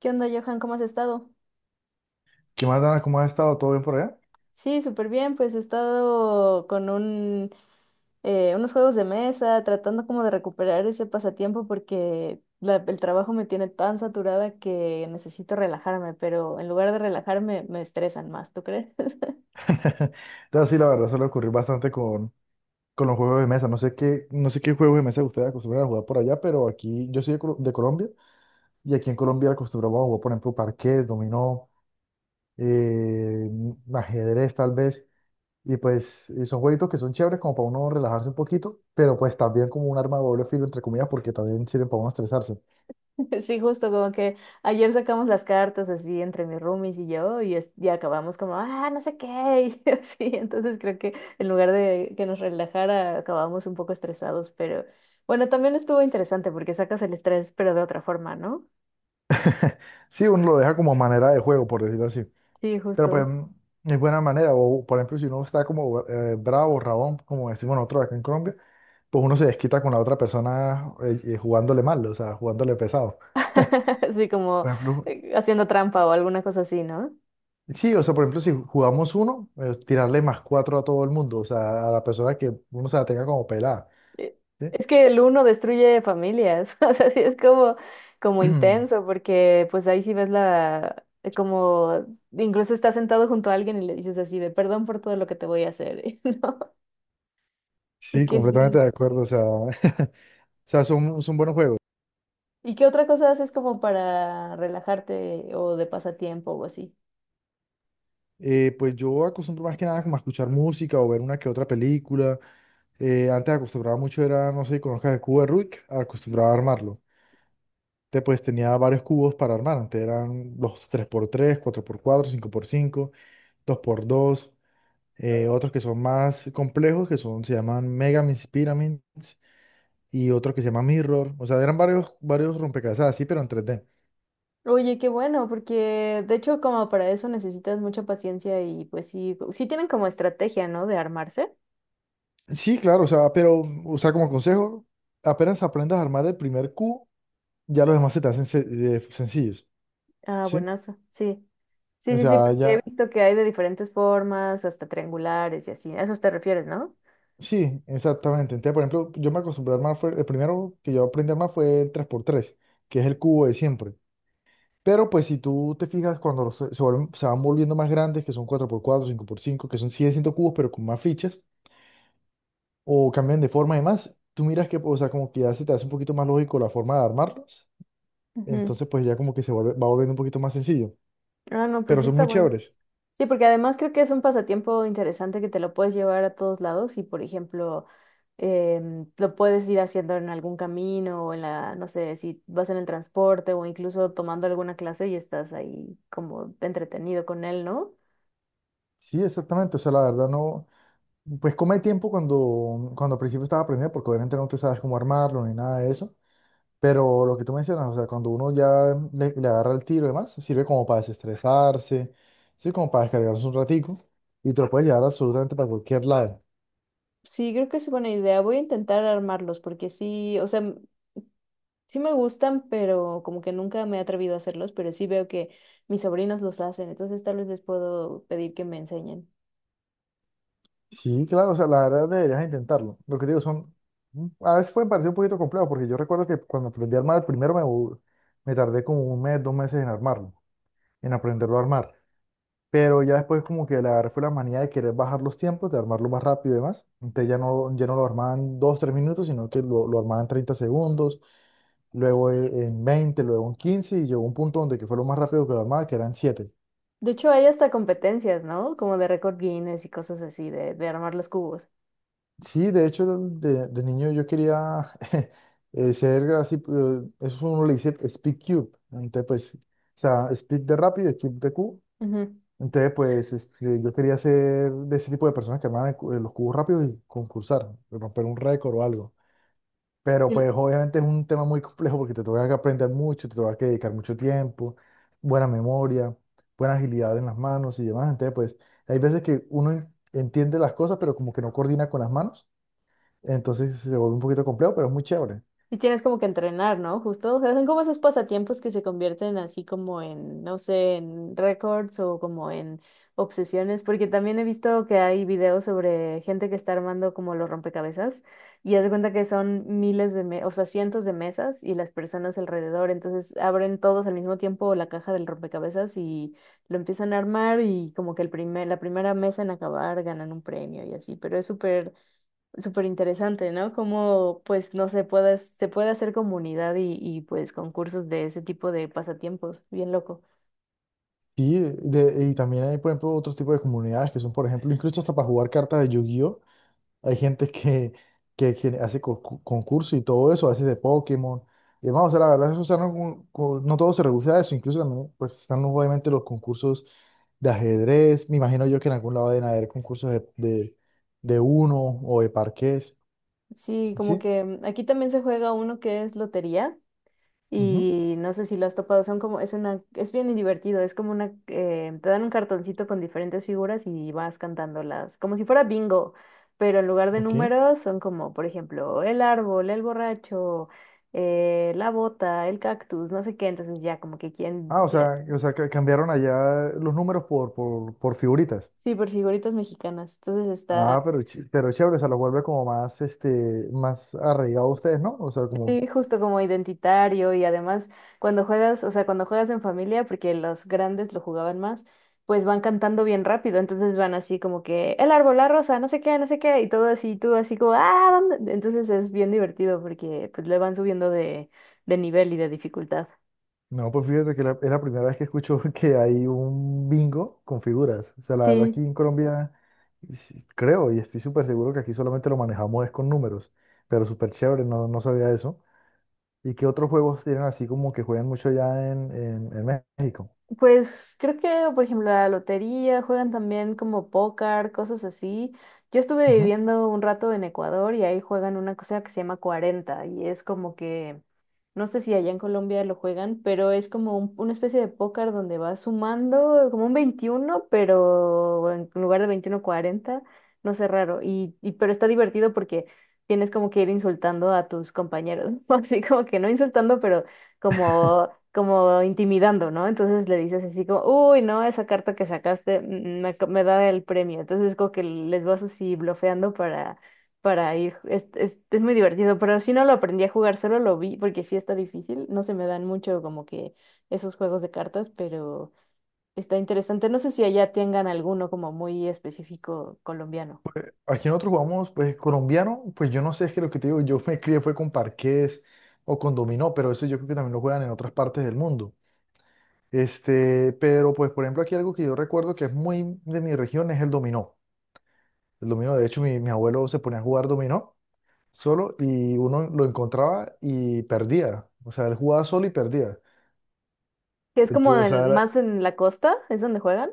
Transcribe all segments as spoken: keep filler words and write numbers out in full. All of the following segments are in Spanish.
¿Qué onda, Johan? ¿Cómo has estado? ¿Qué más, Dana? ¿Cómo has estado? ¿Todo bien por allá? Sí, súper bien, pues he estado con un, eh, unos juegos de mesa, tratando como de recuperar ese pasatiempo porque la- el trabajo me tiene tan saturada que necesito relajarme, pero en lugar de relajarme me estresan más, ¿tú crees? Entonces, sí, la verdad suele ocurrir bastante con, con los juegos de mesa. No sé qué, no sé qué juegos de mesa ustedes acostumbran a jugar por allá, pero aquí, yo soy de, Colo- de Colombia, y aquí en Colombia acostumbramos a jugar, por ejemplo, parqués, dominó, eh, ajedrez tal vez, y pues y son jueguitos que son chéveres como para uno relajarse un poquito, pero pues también como un arma de doble filo, entre comillas, porque también sirven para uno estresarse. Sí, justo como que ayer sacamos las cartas así entre mis roomies y yo y, es- y acabamos como, ah, no sé qué, y así, entonces creo que en lugar de que nos relajara, acabamos un poco estresados, pero bueno, también estuvo interesante porque sacas el estrés, pero de otra forma, ¿no? Sí, uno lo deja como manera de juego, por decirlo así. Sí, Pero pues justo. es buena manera. O por ejemplo, si uno está como eh, bravo, rabón, como decimos nosotros acá en Colombia, pues uno se desquita con la otra persona eh, eh, jugándole mal, o sea, jugándole pesado. Así como Por ejemplo, eh, haciendo trampa o alguna cosa así, ¿no? sí, o sea, por ejemplo, si jugamos uno, eh, tirarle más cuatro a todo el mundo, o sea, a la persona que uno se la tenga como pelada, Eh, ¿sí? Es que el uno destruye familias, o sea, sí es como, como intenso, porque pues ahí sí ves la, eh, como, incluso estás sentado junto a alguien y le dices así de perdón por todo lo que te voy a hacer, Sí, Porque completamente sí. de acuerdo, o sea, o sea, son, son buenos juegos. ¿Y qué otra cosa haces como para relajarte o de pasatiempo o así? Eh, pues yo acostumbro más que nada como a escuchar música o ver una que otra película. Eh, antes acostumbraba mucho era, no sé si conozcas el cubo de Rubik, acostumbraba a armarlo. Te, pues tenía varios cubos para armar. Antes eran los tres por tres, cuatro por cuatro, cinco por cinco, dos por dos, eh, otros que son más complejos, que son, se llaman Megamis Pyramids, y otros que se llaman Mirror. O sea, eran varios, varios rompecabezas así, pero en tres D. Oye, qué bueno, porque de hecho como para eso necesitas mucha paciencia y pues sí, sí tienen como estrategia, ¿no? De armarse. Sí, claro, o sea, pero, o sea, como consejo, apenas aprendas a armar el primer cubo, ya los demás se te hacen se- eh, sencillos, Ah, ¿sí? buenazo, sí. Sí, O sí, sí, sea, porque he ya, visto que hay de diferentes formas, hasta triangulares y así. A eso te refieres, ¿no? sí, exactamente. Entonces, por ejemplo, yo me acostumbré a armar, fue, el primero que yo aprendí a armar fue el tres por tres, que es el cubo de siempre. Pero pues si tú te fijas, cuando los- se, se vuelven- se van volviendo más grandes, que son cuatro por cuatro, cinco por cinco, que son, siguen siendo cubos, pero con más fichas, o cambian de forma y demás, tú miras que, o sea, como que ya se te hace un poquito más lógico la forma de armarlos. Ujú. Entonces, pues ya como que se vuelve, va volviendo un poquito más sencillo. Ah, no, pues Pero sí son está muy bueno. chéveres. Sí, porque además creo que es un pasatiempo interesante que te lo puedes llevar a todos lados y, por ejemplo, em, lo puedes ir haciendo en algún camino o en la, no sé, si vas en el transporte o incluso tomando alguna clase y estás ahí como entretenido con él, ¿no? Sí, exactamente. O sea, la verdad no. Pues come tiempo cuando, cuando al principio estaba aprendiendo, porque obviamente no te sabes cómo armarlo ni nada de eso. Pero lo que tú mencionas, o sea, cuando uno ya le, le agarra el tiro y demás, sirve como para desestresarse, sirve como para descargarse un ratico y te lo puedes llevar absolutamente para cualquier lado. Sí, creo que es buena idea. Voy a intentar armarlos porque sí, o sea, sí me gustan, pero como que nunca me he atrevido a hacerlos, pero sí veo que mis sobrinos los hacen, entonces tal vez les puedo pedir que me enseñen. Sí, claro, o sea, la verdad deberías intentarlo. Lo que te digo son, mm, a veces pueden parecer un poquito complejo, porque yo recuerdo que cuando aprendí a armar el primero me, bu- me tardé como un mes, dos meses en armarlo, en aprenderlo a armar. Pero ya después como que le agarré fue la manía de querer bajar los tiempos, de armarlo más rápido y demás. Entonces ya no, ya no lo armaban dos tres minutos, sino que lo, lo armaban treinta segundos, luego e- en veinte, luego en quince, y llegó un punto donde que fue lo más rápido que lo armaba, que eran siete. De hecho, hay hasta competencias, ¿no? Como de récord Guinness y cosas así, de, de armar los cubos. Sí, de hecho de, de niño yo quería eh, ser así, eh, eso uno le dice Speed Cube. Entonces pues, o sea, Speed de rápido y Cube de Q. Ujú. Entonces pues este, yo quería ser de ese tipo de personas que armaban el cu- eh, los cubos rápidos y concursar, romper un récord o algo. Pero Y pues obviamente es un tema muy complejo porque te toca que aprender mucho, te toca que dedicar mucho tiempo, buena memoria, buena agilidad en las manos y demás. Entonces, pues hay veces que uno en- entiende las cosas, pero como que no coordina con las manos. Entonces se vuelve un poquito complejo, pero es muy chévere. Y tienes como que entrenar, ¿no? Justo, o sea, son como esos pasatiempos que se convierten así como en, no sé, en récords o como en obsesiones, porque también he visto que hay videos sobre gente que está armando como los rompecabezas y haz de cuenta que son miles de, me- o sea, cientos de mesas y las personas alrededor, entonces abren todos al mismo tiempo la caja del rompecabezas y lo empiezan a armar y como que el primer, la primera mesa en acabar ganan un premio y así, pero es súper súper interesante, ¿no? Cómo, pues, no se puede, se puede hacer comunidad y, y, pues, concursos de ese tipo de pasatiempos. Bien loco. Sí de, y también hay, por ejemplo, otros tipos de comunidades que son, por ejemplo, incluso hasta para jugar cartas de Yu-Gi-Oh! Hay gente que, que, gen- hace co- co- concursos y todo eso, hace de Pokémon. Y demás, o sea, la verdad, eso, o sea, no, como- como- no todo se reduce a eso. Incluso también, pues, están obviamente los concursos de ajedrez. Me imagino yo que en algún lado deben haber concursos de, de, de uno o de parqués. Sí, como ¿Sí? que mm, aquí también se juega uno que es lotería Ujú. y no sé si lo has topado, son como, es una, es bien divertido, es como una, eh, te dan un cartoncito con diferentes figuras y vas cantándolas, como si fuera bingo, pero en lugar de Ok. números son como, por ejemplo, el árbol, el borracho, eh, la bota, el cactus, no sé qué, entonces ya como que quién, Ah, o sea, o sea, que cambiaron allá los números por, por, por figuritas. sí, por figuritas mexicanas. Entonces está Ah, pero, ch- pero chévere, o sea, los vuelve como más, este, más arraigados ustedes, ¿no? O sea, como sí, justo como identitario y además cuando juegas, o sea, cuando juegas en familia, porque los grandes lo jugaban más, pues van cantando bien rápido. Entonces van así como que el árbol, la rosa, no sé qué, no sé qué, y todo así, tú así como, ah, ¿dónde? Entonces es bien divertido porque pues le van subiendo de, de nivel y de dificultad. no, pues fíjate que la- es la primera vez que escucho que hay un bingo con figuras. O sea, la verdad aquí Sí. en Colombia sí, creo y estoy súper seguro que aquí solamente lo manejamos es con números, pero súper chévere, no, no sabía eso. ¿Y qué otros juegos tienen así como que juegan mucho allá en, en- en México? Pues creo que, por ejemplo, la lotería, juegan también como póker, cosas así. Yo estuve Ujú. viviendo un rato en Ecuador y ahí juegan una cosa que se llama cuarenta y es como que no sé si allá en Colombia lo juegan, pero es como un- una especie de póker donde vas sumando como un veintiuno pero en lugar de veintiuno cuarenta, no sé, raro. Y, y- pero está divertido porque tienes como que ir insultando a tus compañeros, así como que no insultando, pero como, como intimidando, ¿no? Entonces le dices así como, uy, no, esa carta que sacaste mm, mm, me, ac- me da el premio. Entonces como que les vas así blofeando para ir. Es, es, es muy divertido, pero si no lo aprendí a jugar, solo lo vi porque sí está difícil. No se me dan mucho como que esos juegos de cartas, pero está interesante. No sé si allá tengan alguno como muy específico colombiano, Aquí nosotros jugamos, pues colombiano, pues yo no sé, es que lo que te digo, yo me crié fue con parqués o con dominó, pero eso yo creo que también lo juegan en otras partes del mundo. Este, pero pues por ejemplo aquí algo que yo recuerdo que es muy de mi región es el dominó. El dominó, de hecho, mi, mi abuelo se ponía a jugar dominó solo y uno lo encontraba y perdía. O sea, él jugaba solo y perdía. que es como Entonces, o sea, en- era- más en la costa, es donde juegan.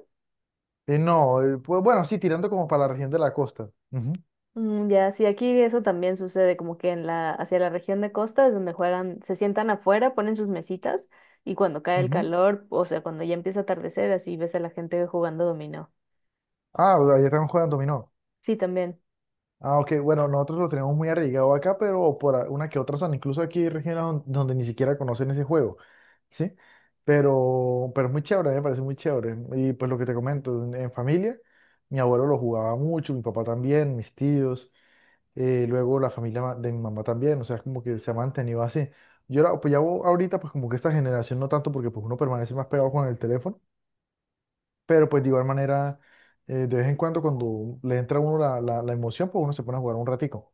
eh, no, eh, pues, bueno, sí, tirando como para la región de la costa. Ujú, Mm, ya, sí, aquí eso también sucede, como que en la, hacia la región de costa es donde juegan, se sientan afuera, ponen sus mesitas y cuando cae el ujú. calor, o sea, cuando ya empieza a atardecer, así ves a la gente jugando dominó. Ah, o sea, allá también jugando dominó. Sí, también. Ah, ok, bueno, nosotros lo tenemos muy arraigado acá, pero por a- una que otra zona. Incluso aquí hay regiones don- donde ni siquiera conocen ese juego, ¿sí? Pero, pero es muy chévere, me parece muy chévere. Y pues lo que te comento, en en familia, mi abuelo lo jugaba mucho, mi papá también, mis tíos. eh, luego la familia ma- de mi mamá también, o sea, es como que se ha mantenido así. Yo la- pues ya o- ahorita, pues como que esta generación no tanto, porque pues uno permanece más pegado con el teléfono, pero pues de igual manera, eh, de vez en cuando cuando le entra a uno la, la, la emoción, pues uno se pone a jugar un ratico.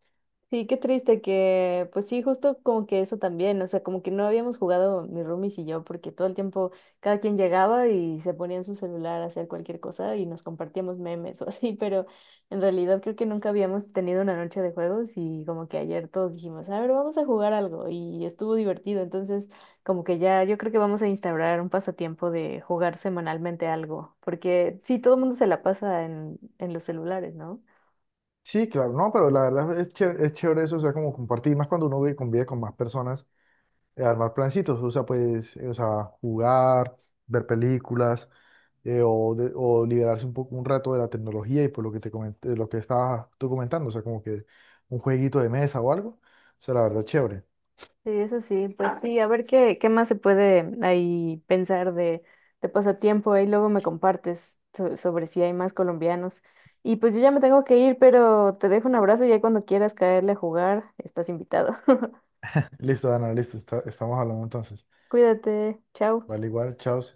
Sí, qué triste que, pues sí, justo como que eso también, o sea, como que no habíamos jugado mi roomies y yo, porque todo el tiempo cada quien llegaba y se ponía en su celular a hacer cualquier cosa y nos compartíamos memes o así, pero en realidad creo que nunca habíamos tenido una noche de juegos y como que ayer todos dijimos, a ver, vamos a jugar algo y estuvo divertido, entonces como que ya yo creo que vamos a instaurar un pasatiempo de jugar semanalmente algo, porque sí, todo el mundo se la pasa en, en los celulares, ¿no? Sí, claro, no, pero la verdad es, ché- es chévere eso, o sea, como compartir, más cuando uno vive, convive con más personas, eh, armar plancitos, o sea, pues, eh, o sea, jugar, ver películas, eh, o, de- o liberarse un poco un rato de la tecnología y por lo que te comenté, de lo que estabas tú comentando, o sea, como que un jueguito de mesa o algo. O sea, la verdad, chévere. Sí, eso sí, pues sí, a ver qué, qué más se puede ahí pensar de, de pasatiempo, ahí luego me compartes so- sobre si hay más colombianos. Y pues yo ya me tengo que ir, pero te dejo un abrazo y ya cuando quieras caerle a jugar, estás invitado. Listo, Dana, listo, está- estamos hablando entonces. Cuídate, chao. Vale, igual, chao. Sí.